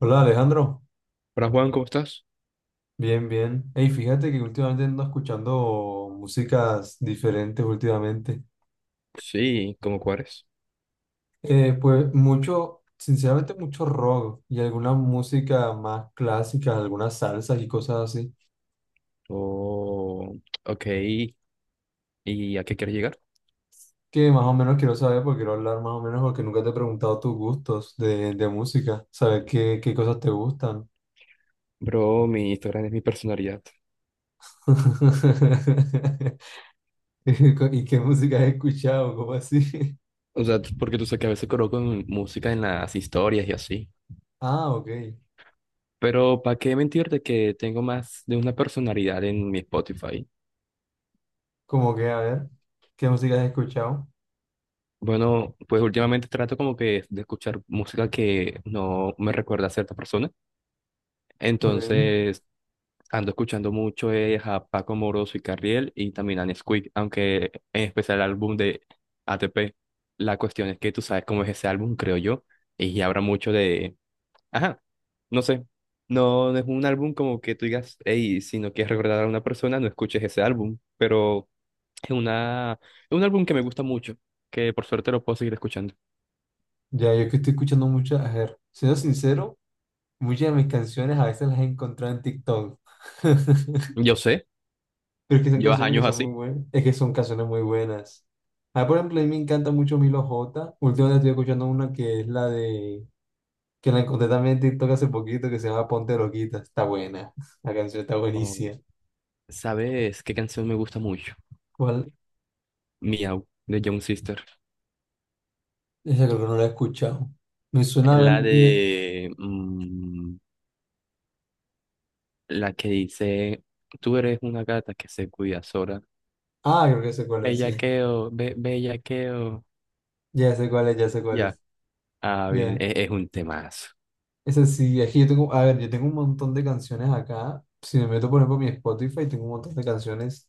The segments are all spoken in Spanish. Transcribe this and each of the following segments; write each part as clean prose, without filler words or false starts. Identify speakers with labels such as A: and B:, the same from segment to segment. A: Hola Alejandro,
B: Hola Juan, ¿cómo estás?
A: bien, bien. Hey, fíjate que últimamente ando escuchando músicas diferentes últimamente.
B: Sí, ¿cómo cuáles?
A: Pues mucho, sinceramente mucho rock y alguna música más clásica, algunas salsas y cosas así,
B: Oh, ok. ¿Y a qué quieres llegar?
A: que más o menos quiero saber porque quiero hablar más o menos porque nunca te he preguntado tus gustos de música, saber qué cosas te gustan.
B: Bro, mi Instagram es mi personalidad.
A: ¿Y qué música has escuchado? ¿Cómo así?
B: O sea, porque tú sabes que a veces coloco música en las historias y así.
A: Ah, ok.
B: Pero ¿para qué mentirte que tengo más de una personalidad en mi Spotify?
A: Como que, a ver, ¿qué música has escuchado?
B: Bueno, pues últimamente trato como que de escuchar música que no me recuerda a cierta persona.
A: Ok,
B: Entonces, ando escuchando mucho es a Paco Moroso y Carriel y también a Nesquik, aunque en especial el álbum de ATP. La cuestión es que tú sabes cómo es ese álbum, creo yo, y habrá mucho de... Ajá, no sé, no, no es un álbum como que tú digas, hey, si no quieres recordar a una persona, no escuches ese álbum, pero es una... es un álbum que me gusta mucho, que por suerte lo puedo seguir escuchando.
A: ya yo que estoy escuchando mucho, a ver, siendo sincero, muchas de mis canciones a veces las he encontrado en TikTok.
B: Yo sé,
A: Pero es que son
B: llevas
A: canciones que
B: años
A: son muy
B: así.
A: buenas, es que son canciones muy buenas. Ah, por ejemplo, a mí me encanta mucho Milo J, últimamente estoy escuchando una que es la de, que la encontré también en TikTok hace poquito, que se llama Ponte Loquita, está buena, la canción está
B: Oh,
A: buenísima.
B: ¿sabes qué canción me gusta mucho?
A: ¿Cuál?
B: Miau, de Young Sister.
A: Esa creo que no la he escuchado. Me suena, a ver,
B: La de la que dice, tú eres una gata que se cuida sola.
A: ah, creo que sé cuál es, sí,
B: Bellaqueo, be bellaqueo.
A: ya sé cuál es, ya sé cuál
B: Ya.
A: es,
B: Ah, bien,
A: ya.
B: es un temazo.
A: Ese sí, aquí yo tengo, a ver, yo tengo un montón de canciones acá. Si me meto, por ejemplo, en mi Spotify, tengo un montón de canciones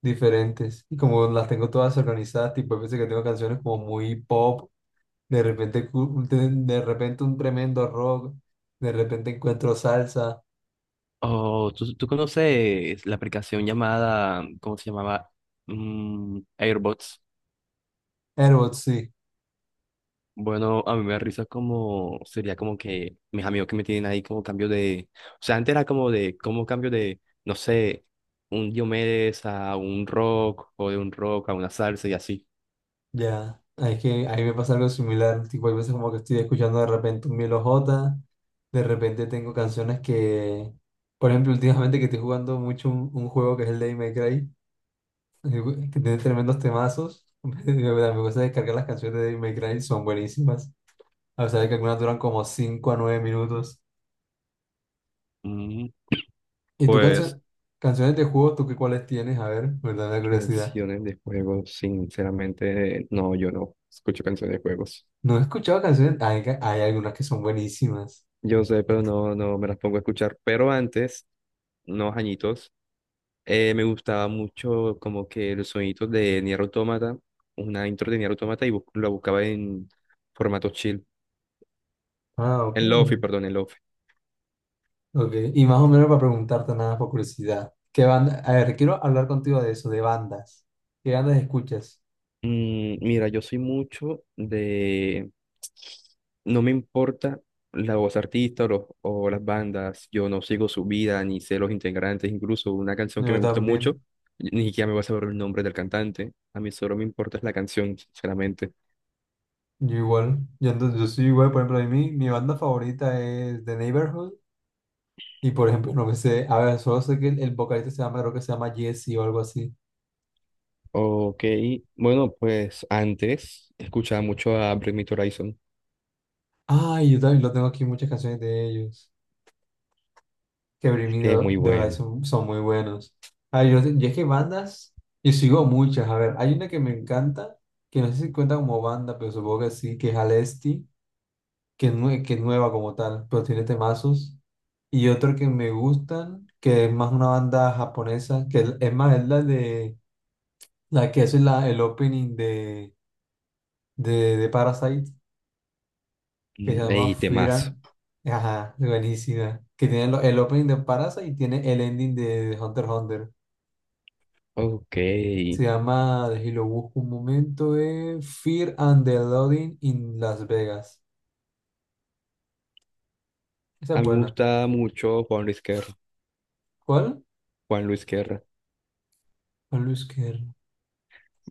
A: diferentes. Y como las tengo todas organizadas, tipo, hay veces que tengo canciones como muy pop, de repente, de repente un tremendo rock, de repente encuentro salsa.
B: Oh, ¿tú conoces la aplicación llamada, ¿cómo se llamaba? Airbots.
A: Airbots, sí,
B: Bueno, a mí me da risa como, sería como que mis amigos que me tienen ahí como cambio de, o sea, antes era como de, como cambio de, no sé, un Diomedes a un rock o de un rock a una salsa y así.
A: ya. Es que ahí me pasa algo similar. Tipo, hay veces como que estoy escuchando de repente un Milo J, de repente tengo canciones que, por ejemplo, últimamente que estoy jugando mucho un juego que es el de May Cry. Güey, que tiene tremendos temazos. Me gusta descargar las canciones de Devil May Cry, son buenísimas. A pesar de que algunas duran como 5 a 9 minutos.
B: Mm,
A: ¿Y tú
B: Pues
A: canciones de juegos, tú qué cuáles tienes? A ver, me da la curiosidad.
B: canciones de juegos, sinceramente, no, yo no escucho canciones de juegos.
A: No he escuchado canciones, hay algunas que son buenísimas.
B: Yo sé, pero no, no me las pongo a escuchar. Pero antes, unos añitos, me gustaba mucho como que los sonidos de Nier Automata, una intro de Nier Automata y lo buscaba en formato chill,
A: Ah, ok,
B: en lofi, perdón, en lofi.
A: ok. Y más o menos para preguntarte nada por curiosidad. ¿Qué banda? A ver, quiero hablar contigo de eso, de bandas. ¿Qué bandas escuchas?
B: Mm, Mira, yo soy mucho de, no me importa la voz artista o, o las bandas, yo no sigo su vida ni sé los integrantes, incluso una canción
A: No,
B: que
A: yo
B: me gusta
A: también.
B: mucho, ni siquiera me voy a saber el nombre del cantante, a mí solo me importa es la canción, sinceramente.
A: Yo igual, yo, yo soy igual. Por ejemplo, a mí mi banda favorita es The Neighborhood. Y por ejemplo, no me sé, a ver, solo sé que el vocalista se llama, creo que se llama Jesse o algo así.
B: Ok, bueno, pues antes escuchaba mucho a Bring Me the Horizon,
A: Ay, yo también lo tengo aquí, muchas canciones de ellos. Que Bring Me
B: que es
A: the
B: muy
A: the
B: bueno,
A: Horizon son muy buenos. Ay, yo es que bandas, yo sigo muchas. A ver, hay una que me encanta, que no sé si cuenta como banda, pero supongo que sí, que es Alesti, que es, que es nueva como tal, pero tiene temazos. Y otro que me gustan, que es más una banda japonesa, que es más, es la de, la que hace la, el opening de, de Parasite. Que se
B: Mm,
A: llama
B: y
A: Fear
B: temas.
A: and- Ajá, buenísima. Que tiene el opening de Parasite y tiene el ending de Hunter x Hunter.
B: Ok,
A: Se llama, de, y lo busco un momento, es Fear and the Loading in Las Vegas. Esa es
B: a mí me
A: buena.
B: gusta mucho Juan Luis Guerra,
A: ¿Cuál?
B: Juan Luis Guerra.
A: A Luis Kerr.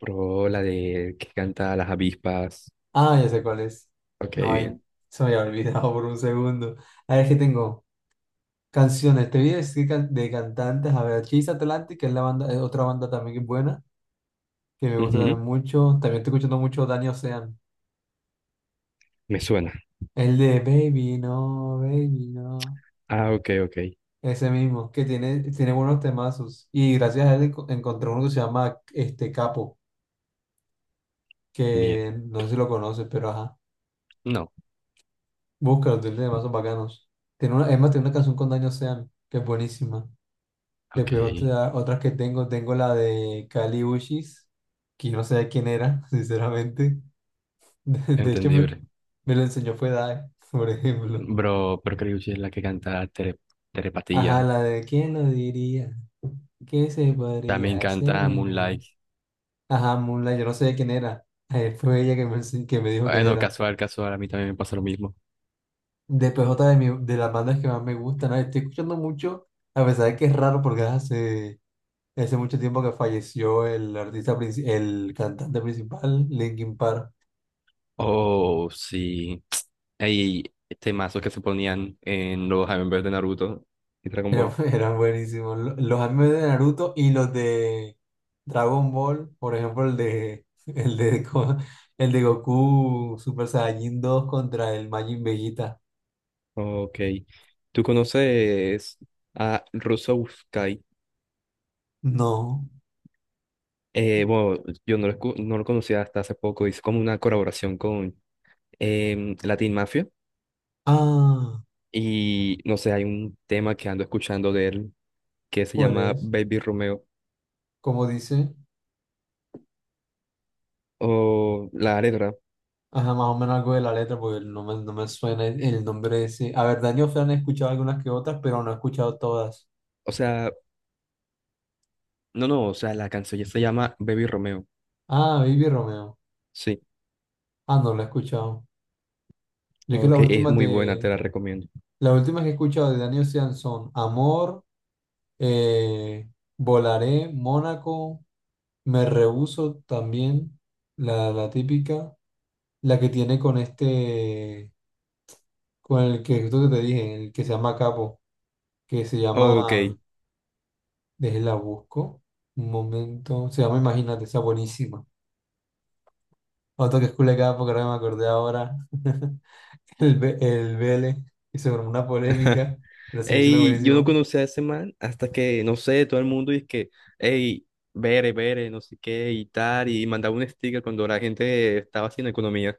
B: Bro, la de que canta las avispas.
A: Ah, ya sé cuál es.
B: Ok,
A: Ay,
B: bien.
A: se me había olvidado por un segundo. A ver, qué tengo canciones. Te voy a decir de cantantes. A ver, Chase Atlantic, que es la banda, es otra banda también que es buena, que me gusta también
B: Ujú,
A: mucho. También estoy escuchando mucho Dani Ocean.
B: me suena.
A: El de Baby, no, Baby, no.
B: Ah, ok, ok.
A: Ese mismo, que tiene buenos temazos. Y gracias a él encontré uno que se llama este Capo,
B: Bien.
A: que no sé si lo conoces, pero ajá.
B: No,
A: Búscalo, tiene temazos bacanos. Tiene una, es más, tiene una canción con Daño Sean, que es buenísima.
B: ok.
A: Después otras que tengo, tengo la de Kali Uchis, que no sé quién era, sinceramente. De hecho,
B: Entendible.
A: me lo enseñó fue Dae, por ejemplo.
B: Bro, pero creo que es la que canta tere,
A: Ajá,
B: Terepatía.
A: la de ¿Quién lo diría? ¿Qué se
B: También
A: podría hacer
B: canta
A: el amor?
B: Moonlight.
A: Ajá, Moonlight, yo no sé quién era. Fue ella que que me dijo quién
B: Bueno,
A: era.
B: casual, casual. A mí también me pasa lo mismo.
A: Después otra de, de las bandas que más me gustan. Estoy escuchando mucho, a pesar de que es raro porque hace mucho tiempo que falleció el artista, el cantante principal, Linkin Park.
B: Oh, sí. Hay temazos que se ponían en los Avengers de Naruto y Dragon Ball.
A: Eran buenísimos. Los animes de Naruto y los de Dragon Ball. Por ejemplo, el de, el de, el de Goku Super Saiyajin dos contra el Majin Vegeta.
B: Ok. ¿Tú conoces a Rusouskai?
A: No.
B: Bueno, yo no lo, no lo conocía hasta hace poco, hizo como una colaboración con Latin Mafia
A: Ah,
B: y no sé, hay un tema que ando escuchando de él que se
A: ¿cuál
B: llama
A: es?
B: Baby Romeo
A: ¿Como dice?
B: o la letra,
A: Ajá, más o menos algo de la letra, porque no me suena el nombre ese. A ver, Daniel Fran he escuchado algunas que otras, pero no he escuchado todas.
B: o sea, no, no, o sea, la canción ya se llama Baby Romeo,
A: Ah, Baby Romeo.
B: sí,
A: Ah, no, la he escuchado. Yo es que
B: ok,
A: las
B: es
A: últimas
B: muy buena, te
A: de,
B: la recomiendo.
A: las últimas que he escuchado de Daniel Ocean son Amor, eh, Volaré, Mónaco, Me Rehuso también, la, típica, la que tiene con este, con el que, esto que te dije, el que se llama Capo, que se
B: Ok,
A: llama... Déjela busco. Un momento. Se llama Imagínate, está buenísima. Otro que es culecada porque ahora me acordé ahora. El Vélez. Y se formó una polémica, pero sigue siendo
B: ey, yo no
A: buenísimo.
B: conocía a ese man hasta que, no sé, todo el mundo dice que, ey, Bere, Bere, no sé qué y tal, y mandaba un sticker cuando la gente estaba haciendo economía.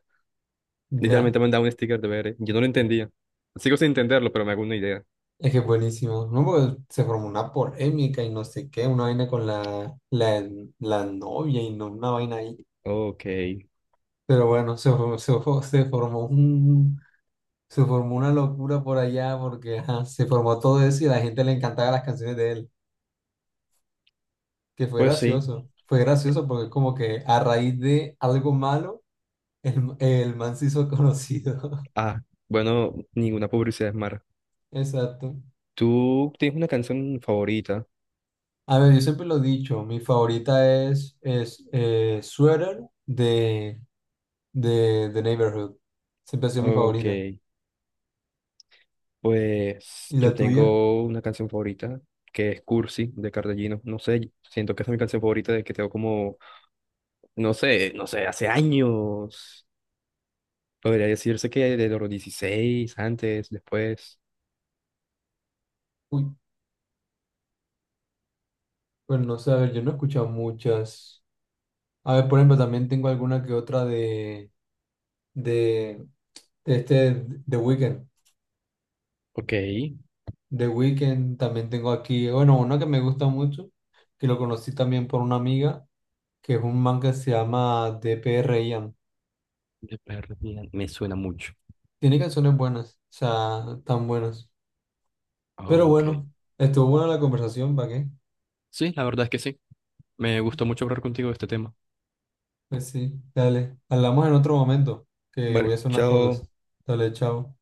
A: Ya.
B: Literalmente me mandaba un sticker de ver, yo no lo entendía. Sigo sin entenderlo, pero me hago una idea.
A: Es que es buenísimo. No, porque se formó una polémica y no sé qué, una vaina con la, la novia y no una vaina ahí.
B: Ok,
A: Pero bueno, se formó una locura por allá porque ajá, se formó todo eso y a la gente le encantaban las canciones de él. Que fue
B: pues sí.
A: gracioso. Fue gracioso porque es como que a raíz de algo malo, el man se hizo conocido.
B: Ah, bueno, ninguna publicidad es mala.
A: Exacto.
B: ¿Tú tienes una canción favorita?
A: A ver, yo siempre lo he dicho, mi favorita es, Sweater de, The Neighborhood. Siempre ha sido mi
B: Ok,
A: favorita.
B: pues
A: ¿Y
B: yo
A: la tuya?
B: tengo una canción favorita que es Cursi de Cardellino. No sé, siento que esa es mi canción favorita de que tengo como, no sé, no sé, hace años. Podría decirse que de los 16, antes, después.
A: Uy, pues no sé, a ver, yo no he escuchado muchas. A ver, por ejemplo, también tengo alguna que otra de, este The Weeknd.
B: Ok, de
A: The Weeknd, también tengo aquí, bueno, uno que me gusta mucho, que lo conocí también por una amiga, que es un man que se llama DPR Ian.
B: perdida, me suena mucho.
A: Tiene canciones buenas, o sea, tan buenas. Pero
B: Ok.
A: bueno, estuvo buena la conversación, ¿para qué?
B: Sí, la verdad es que sí. Me gustó mucho hablar contigo de este tema.
A: Pues sí, dale, hablamos en otro momento, que voy
B: Vale,
A: a hacer unas
B: chao.
A: cosas. Dale, chao.